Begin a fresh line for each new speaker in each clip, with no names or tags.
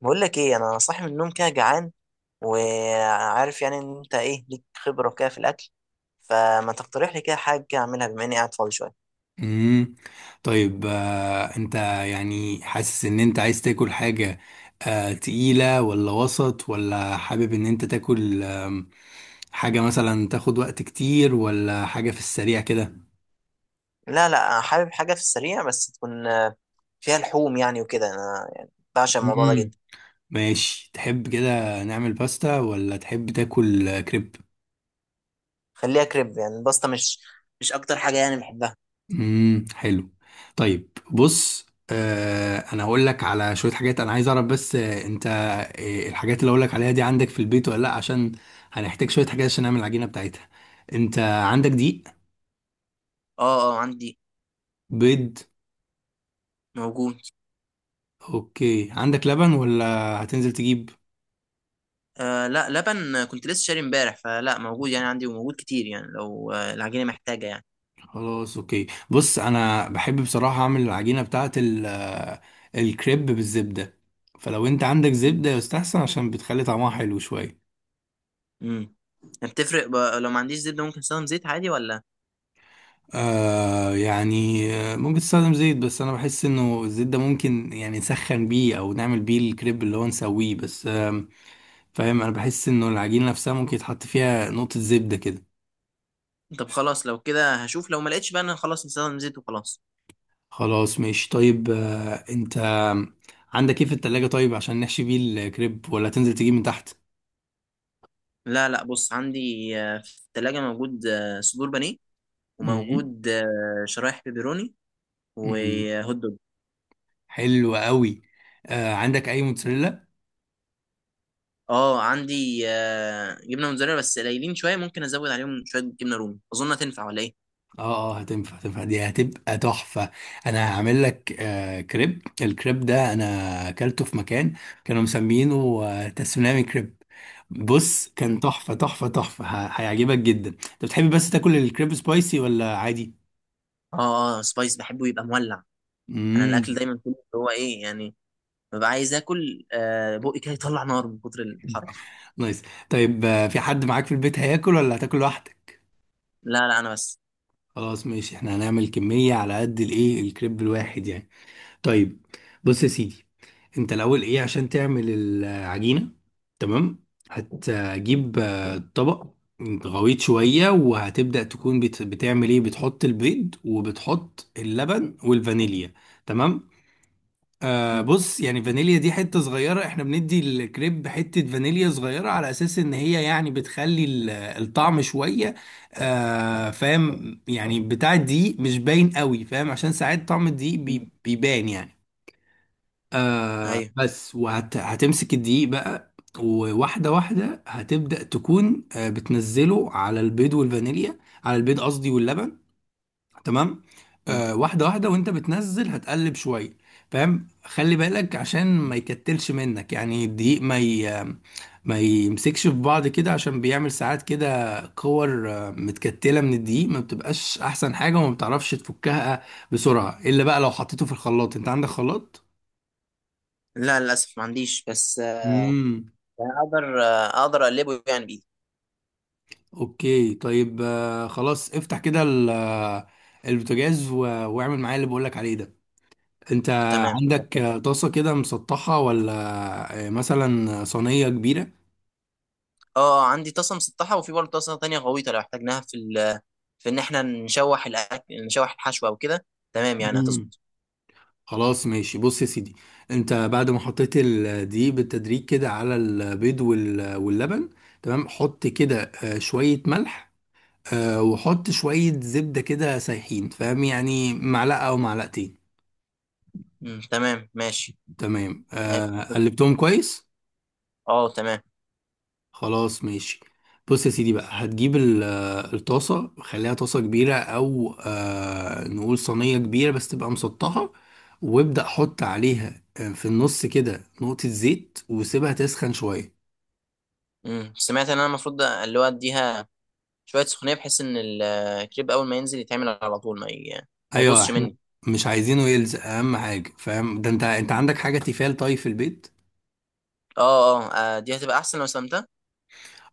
بقول لك ايه، انا صاحي من النوم كده جعان، وعارف يعني ان انت ايه ليك خبره كده في الاكل، فما تقترح لي كده حاجه كده اعملها بما اني قاعد فاضي شويه.
امم طيب انت يعني حاسس ان انت عايز تاكل حاجة؟ تقيلة ولا وسط ولا حابب ان انت تاكل حاجة مثلا تاخد وقت كتير ولا حاجة في السريع كده؟
لا لا، انا حابب حاجه في السريع، بس تكون فيها لحوم يعني وكده، انا يعني بعشق الموضوع ده
امم
جدا.
ماشي، تحب كده نعمل باستا ولا تحب تاكل كريب؟
خليها كريب، يعني الباستا مش اكتر حاجه يعني بحبها.
حلو. طيب بص، انا هقول لك على شويه حاجات، انا عايز اعرف بس انت، الحاجات اللي هقول لك عليها دي عندك في البيت ولا لا؟ عشان هنحتاج شويه حاجات عشان نعمل العجينه بتاعتها. انت عندك دقيق؟
اه اه، عندي.
بيض؟
موجود.
اوكي، عندك لبن ولا هتنزل تجيب؟
لا، لبن كنت لسه شاري امبارح، فلا موجود يعني عندي، وموجود كتير يعني لو العجينه محتاجه يعني.
خلاص اوكي. بص، انا بحب بصراحه اعمل العجينه بتاعه الكريب بالزبده، فلو انت عندك زبده يستحسن عشان بتخلي طعمها حلو شويه.
امم. بتفرق لو ما عنديش زبده ممكن استخدم زيت عادي ولا؟
يعني ممكن تستخدم زيت، بس انا بحس انه الزيت ده ممكن يعني نسخن بيه او نعمل بيه الكريب اللي هو نسويه بس، فاهم؟ انا بحس انه العجينة نفسها ممكن يتحط فيها نقطة زبدة كده.
طب خلاص، لو كده هشوف، لو ما لقيتش بقى انا خلاص نستخدم زيت وخلاص.
خلاص ماشي. طيب انت عندك ايه في التلاجة، طيب، عشان نحشي بيه الكريب ولا تنزل تجيب من تحت؟
لا لا، بص عندي في الثلاجة موجود صدور بانيه،
مم.
وموجود شرايح بيبروني.
مم.
وهوت دوج.
حلو قوي. عندك اي موتزاريلا؟
اه، عندي جبنة موتزاريلا، بس قليلين شوية، ممكن ازود عليهم شوية جبنة رومي، اظن هتنفع ولا ايه؟
اه اه، هتنفع هتنفع، دي هتبقى تحفة. انا هعمل لك كريب، الكريب ده انا اكلته في مكان كانوا مسمينه تسونامي كريب. بص، كان
مم.
تحفة تحفة تحفة، هيعجبك جدا. انت بتحب بس تاكل الكريب سبايسي ولا عادي؟
اه اه، سبايس بحبه يبقى مولع. انا الاكل
امم
دايما كله اللي هو ايه يعني، ببقى عايز اكل بقي كده يطلع نار من كتر الحرارة.
نايس. طيب في حد معاك في البيت هياكل ولا هتاكل لوحدك؟
لا لا، انا بس.
خلاص ماشي، احنا هنعمل كمية على قد الايه، الكريب الواحد يعني. طيب، بص يا سيدي، انت الاول ايه عشان تعمل العجينه؟ تمام، هتجيب طبق غويط شويه، وهتبدا تكون بتعمل ايه، بتحط البيض وبتحط اللبن والفانيليا. تمام.
مم.
بص يعني، فانيليا دي حته صغيره، احنا بندي الكريب حته فانيليا صغيره على اساس ان هي يعني بتخلي الطعم شويه فاهم، يعني بتاع الدقيق مش باين قوي، فاهم؟ عشان ساعات طعم الدقيق
مم.
بيبان يعني.
ايوه.
بس، وهتمسك الدقيق بقى وواحدة واحدة هتبدأ تكون بتنزله على البيض والفانيليا، على البيض قصدي واللبن. تمام.
مم.
واحدة واحدة، وانت بتنزل هتقلب شوية، فاهم؟ خلي بالك عشان ما يكتلش منك يعني، الدقيق ما يمسكش في بعض كده، عشان بيعمل ساعات كده كور متكتلة من الدقيق، ما بتبقاش احسن حاجة وما بتعرفش تفكها بسرعة، الا بقى لو حطيته في الخلاط. انت عندك خلاط؟
لا، للأسف ما عنديش، بس يعني اقدر اقلبه يعني بايدي.
اوكي طيب خلاص افتح كده البوتاجاز واعمل معايا اللي بقولك عليه ده. انت
تمام.
عندك طاسة كده مسطحة ولا مثلا صينية كبيرة؟
اه عندي طاسه مسطحه، وفي برضه طاسه تانية غويطه لو احتاجناها في في ان احنا نشوح الاكل، نشوح الحشوه او كده. تمام يعني
مم.
هتظبط.
خلاص ماشي، بص يا سيدي، انت بعد ما حطيت الدقيق بالتدريج كده على البيض واللبن، تمام، حط كده شوية ملح، وحط شوية زبدة كده سايحين، فاهم؟ يعني معلقة او معلقتين.
مم، تمام ماشي.
تمام
ماشي هتظبط.
قلبتهم كويس.
اه تمام.
خلاص ماشي. بص يا سيدي بقى، هتجيب الطاسة، خليها طاسة كبيرة أو نقول صينية كبيرة بس تبقى مسطحة، وابدأ حط عليها في النص كده نقطة زيت، وسيبها تسخن شوية.
مم. سمعت ان انا المفروض اللي هو اديها شويه سخونيه، بحيث ان الكريب اول ما ينزل يتعمل على طول ما
أيوة،
يبصش
احنا
مني.
مش عايزينه يلزق، أهم حاجة، فاهم ده؟ أنت
مم.
عندك حاجة تيفال طيب في البيت؟
اه اه، دي هتبقى احسن لو سلمتها.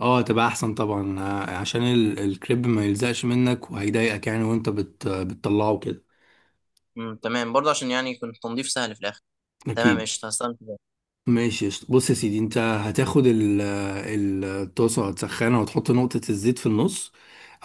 اه، تبقى أحسن طبعا، عشان الكريب ما يلزقش منك وهيضايقك يعني وأنت بتطلعه كده.
مم، تمام برضه عشان يعني يكون التنظيف سهل في الاخر. تمام
أكيد.
قشطه، هستلم كده.
ماشي قشطة. بص يا سيدي، انت هتاخد الطاسه، هتسخنها وتحط نقطه الزيت في النص.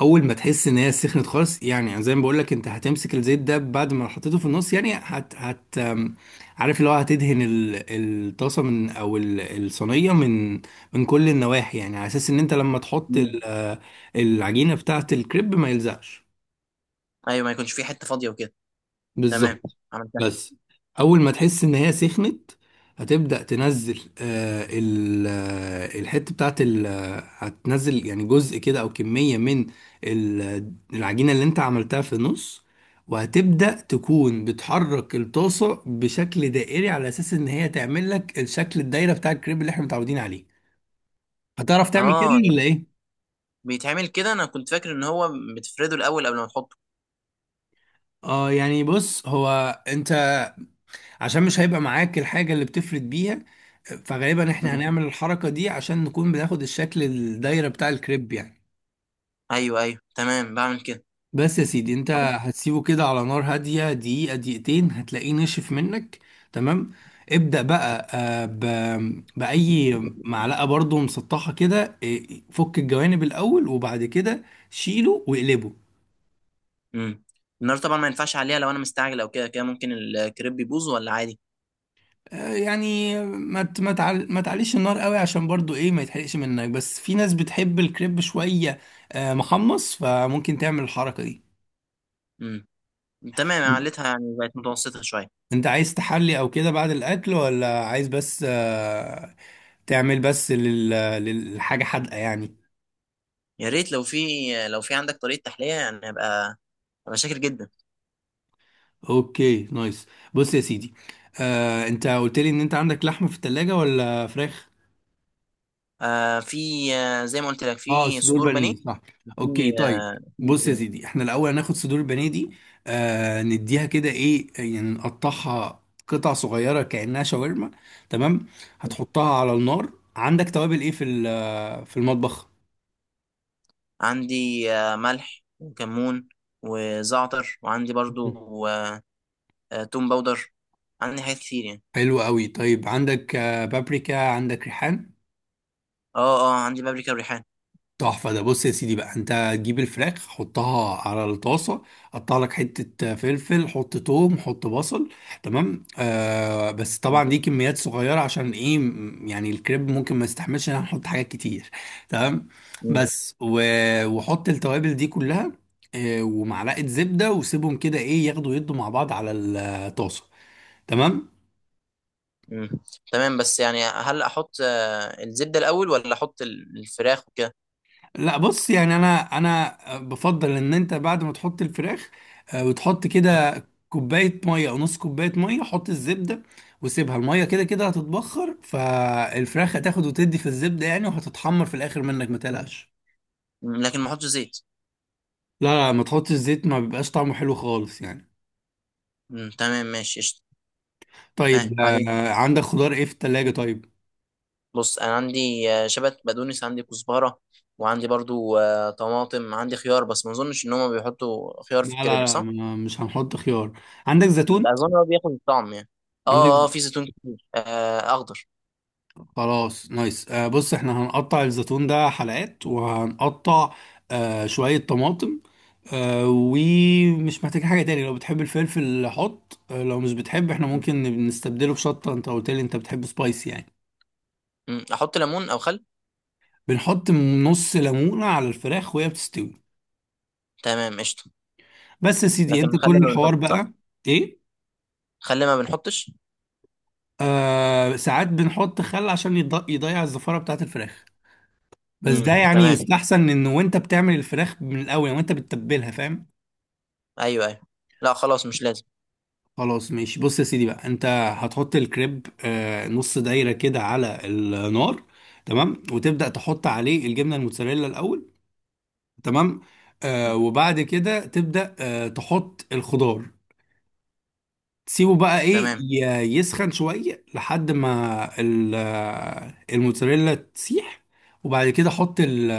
اول ما تحس ان هي سخنت خالص، يعني زي ما بقول لك، انت هتمسك الزيت ده بعد ما حطيته في النص يعني هت هت ام، عارف اللي هو، هتدهن الطاسه من او الصينيه من من كل النواحي، يعني على اساس ان انت لما تحط
مم.
العجينه بتاعه الكريب ما يلزقش.
ايوه، ما يكونش في حته فاضيه وكده. تمام.
بالظبط.
عملتها.
بس اول ما تحس ان هي سخنت، هتبدأ تنزل الحته بتاعت هتنزل يعني جزء كده او كميه من العجينه اللي انت عملتها في النص. وهتبدأ تكون بتحرك الطاسه بشكل دائري، على اساس ان هي تعمل لك الشكل الدايره بتاع الكريب اللي احنا متعودين عليه. هتعرف تعمل كده
اه،
ولا ايه؟
بيتعمل كده؟ انا كنت فاكر ان هو بتفرده الاول قبل ما تحطه.
اه يعني بص هو، انت، عشان مش هيبقى معاك الحاجة اللي بتفرد بيها، فغالبا
مم.
احنا هنعمل الحركة دي عشان نكون بناخد الشكل الدايرة بتاع الكريب يعني.
ايوه ايوه، تمام بعمل كده.
بس يا سيدي، انت هتسيبه كده على نار هادية دقيقة دقيقتين هتلاقيه نشف منك. تمام، ابدأ بقى بأي معلقة برضو مسطحة كده، فك الجوانب الأول، وبعد كده شيله واقلبه.
امم. النار طبعا ما ينفعش عليها، لو انا مستعجل او كده كده ممكن الكريب يبوظ، ولا عادي؟
يعني ما تعليش النار قوي، عشان برضو ايه ما يتحرقش منك، بس في ناس بتحب الكريب شوية محمص، فممكن تعمل الحركة دي.
امم، تمام عليتها، يعني بقت متوسطه شويه.
انت عايز تحلي او كده بعد الاكل ولا عايز بس تعمل بس للحاجة حادقة يعني؟
يا ريت لو في عندك طريقه تحليه، يعني ابقى شاكر جدا.
اوكي نايس. بص يا سيدي، انت قلت لي ان انت عندك لحمة في التلاجة ولا فراخ؟
في. زي ما قلت لك،
اه،
في
صدور
صدور بانيه.
بانيه، صح.
في
اوكي طيب.
في
بص يا
بيضتين.
سيدي، احنا الاول هناخد صدور البانيه دي، نديها كده ايه يعني، نقطعها قطع صغيره كانها شاورما. تمام،
مم.
هتحطها على النار. عندك توابل ايه في في المطبخ؟
عندي ملح وكمون، وزعتر، وعندي برضو توم باودر، عندي حاجات كتير يعني.
حلو قوي. طيب عندك بابريكا؟ عندك ريحان؟
اه اه، عندي بابريكا وريحان.
تحفة ده. بص يا سيدي بقى، انت تجيب الفراخ حطها على الطاسة، قطع لك حتة فلفل، حط توم، حط بصل. تمام بس
مم.
طبعا دي كميات صغيرة عشان ايه، يعني الكريب ممكن ما يستحملش ان احنا نحط حاجات كتير. تمام.
مم.
بس و... وحط التوابل دي كلها ومعلقة زبدة، وسيبهم كده ايه، ياخدوا يدوا مع بعض على الطاسة. تمام.
مم. تمام، بس يعني هل احط الزبدة الاول، ولا احط الفراخ وكده؟
لا بص يعني، انا بفضل ان انت بعد ما تحط الفراخ وتحط كده كوبايه ميه او نص كوبايه ميه، حط الزبده، وسيبها، الميه كده كده هتتبخر، فالفراخ هتاخد وتدي في الزبده يعني، وهتتحمر في الاخر منك ما تقلقش.
مم، لكن ما احطش زيت؟
لا لا، ما تحطش زيت، ما بيبقاش طعمه حلو خالص يعني.
مم. تمام ماشي قشطة. ها،
طيب
بعدين
عندك خضار ايه في التلاجة طيب؟
بص انا عندي شبت، بقدونس، عندي كزبرة، وعندي برضو طماطم، عندي خيار، بس ما اظنش ان هما بيحطوا خيار في
لا لا
الكريب
لا،
صح؟
مش هنحط خيار. عندك زيتون؟
ده اظن هو بياخد الطعم يعني. اه اه،
عندك؟
في زيتون كتير اخضر.
خلاص نايس. بص، احنا هنقطع الزيتون ده حلقات، وهنقطع شوية طماطم ومش محتاج حاجة تاني. لو بتحب الفلفل حط، لو مش بتحب احنا
مم.
ممكن نستبدله بشطة، انت قلت لي انت بتحب سبايسي يعني.
مم. احط ليمون او خل؟
بنحط نص ليمونة على الفراخ وهي بتستوي.
تمام قشطة.
بس يا سيدي، انت
لكن خل
كل
ما
الحوار
بنحطش صح؟
بقى. ايه؟
خليه ما بنحطش.
ساعات بنحط خل عشان يضيع الزفارة بتاعت الفراخ، بس
امم،
ده يعني
تمام.
يستحسن ان وانت بتعمل الفراخ من الاول يعني وانت بتتبلها، فاهم؟
ايوه ايوه، لا خلاص مش لازم.
خلاص ماشي. بص يا سيدي بقى، انت هتحط الكريب نص دايرة كده على النار، تمام، وتبدأ تحط عليه الجبنة الموتزاريلا الأول. تمام،
مم.
وبعد كده تبدأ تحط الخضار، تسيبه بقى ايه
تمام.
يسخن شوية لحد ما الموتزاريلا تسيح، وبعد كده حط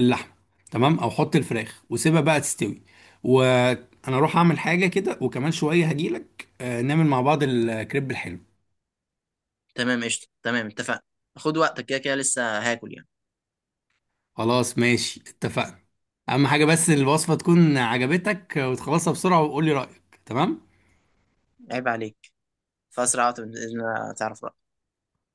اللحمة، تمام، او حط الفراخ وسيبها بقى تستوي. وانا اروح اعمل حاجة كده وكمان شوية هجيلك، نعمل مع بعض الكريب الحلو.
تمام قشطه، تمام اتفقنا. خد وقتك، كده كده لسه هاكل يعني.
خلاص ماشي اتفقنا. اهم حاجة بس الوصفة تكون عجبتك، وتخلصها بسرعة وقولي رأيك، تمام؟
عيب عليك، فاسرع وقت باذن الله تعرف.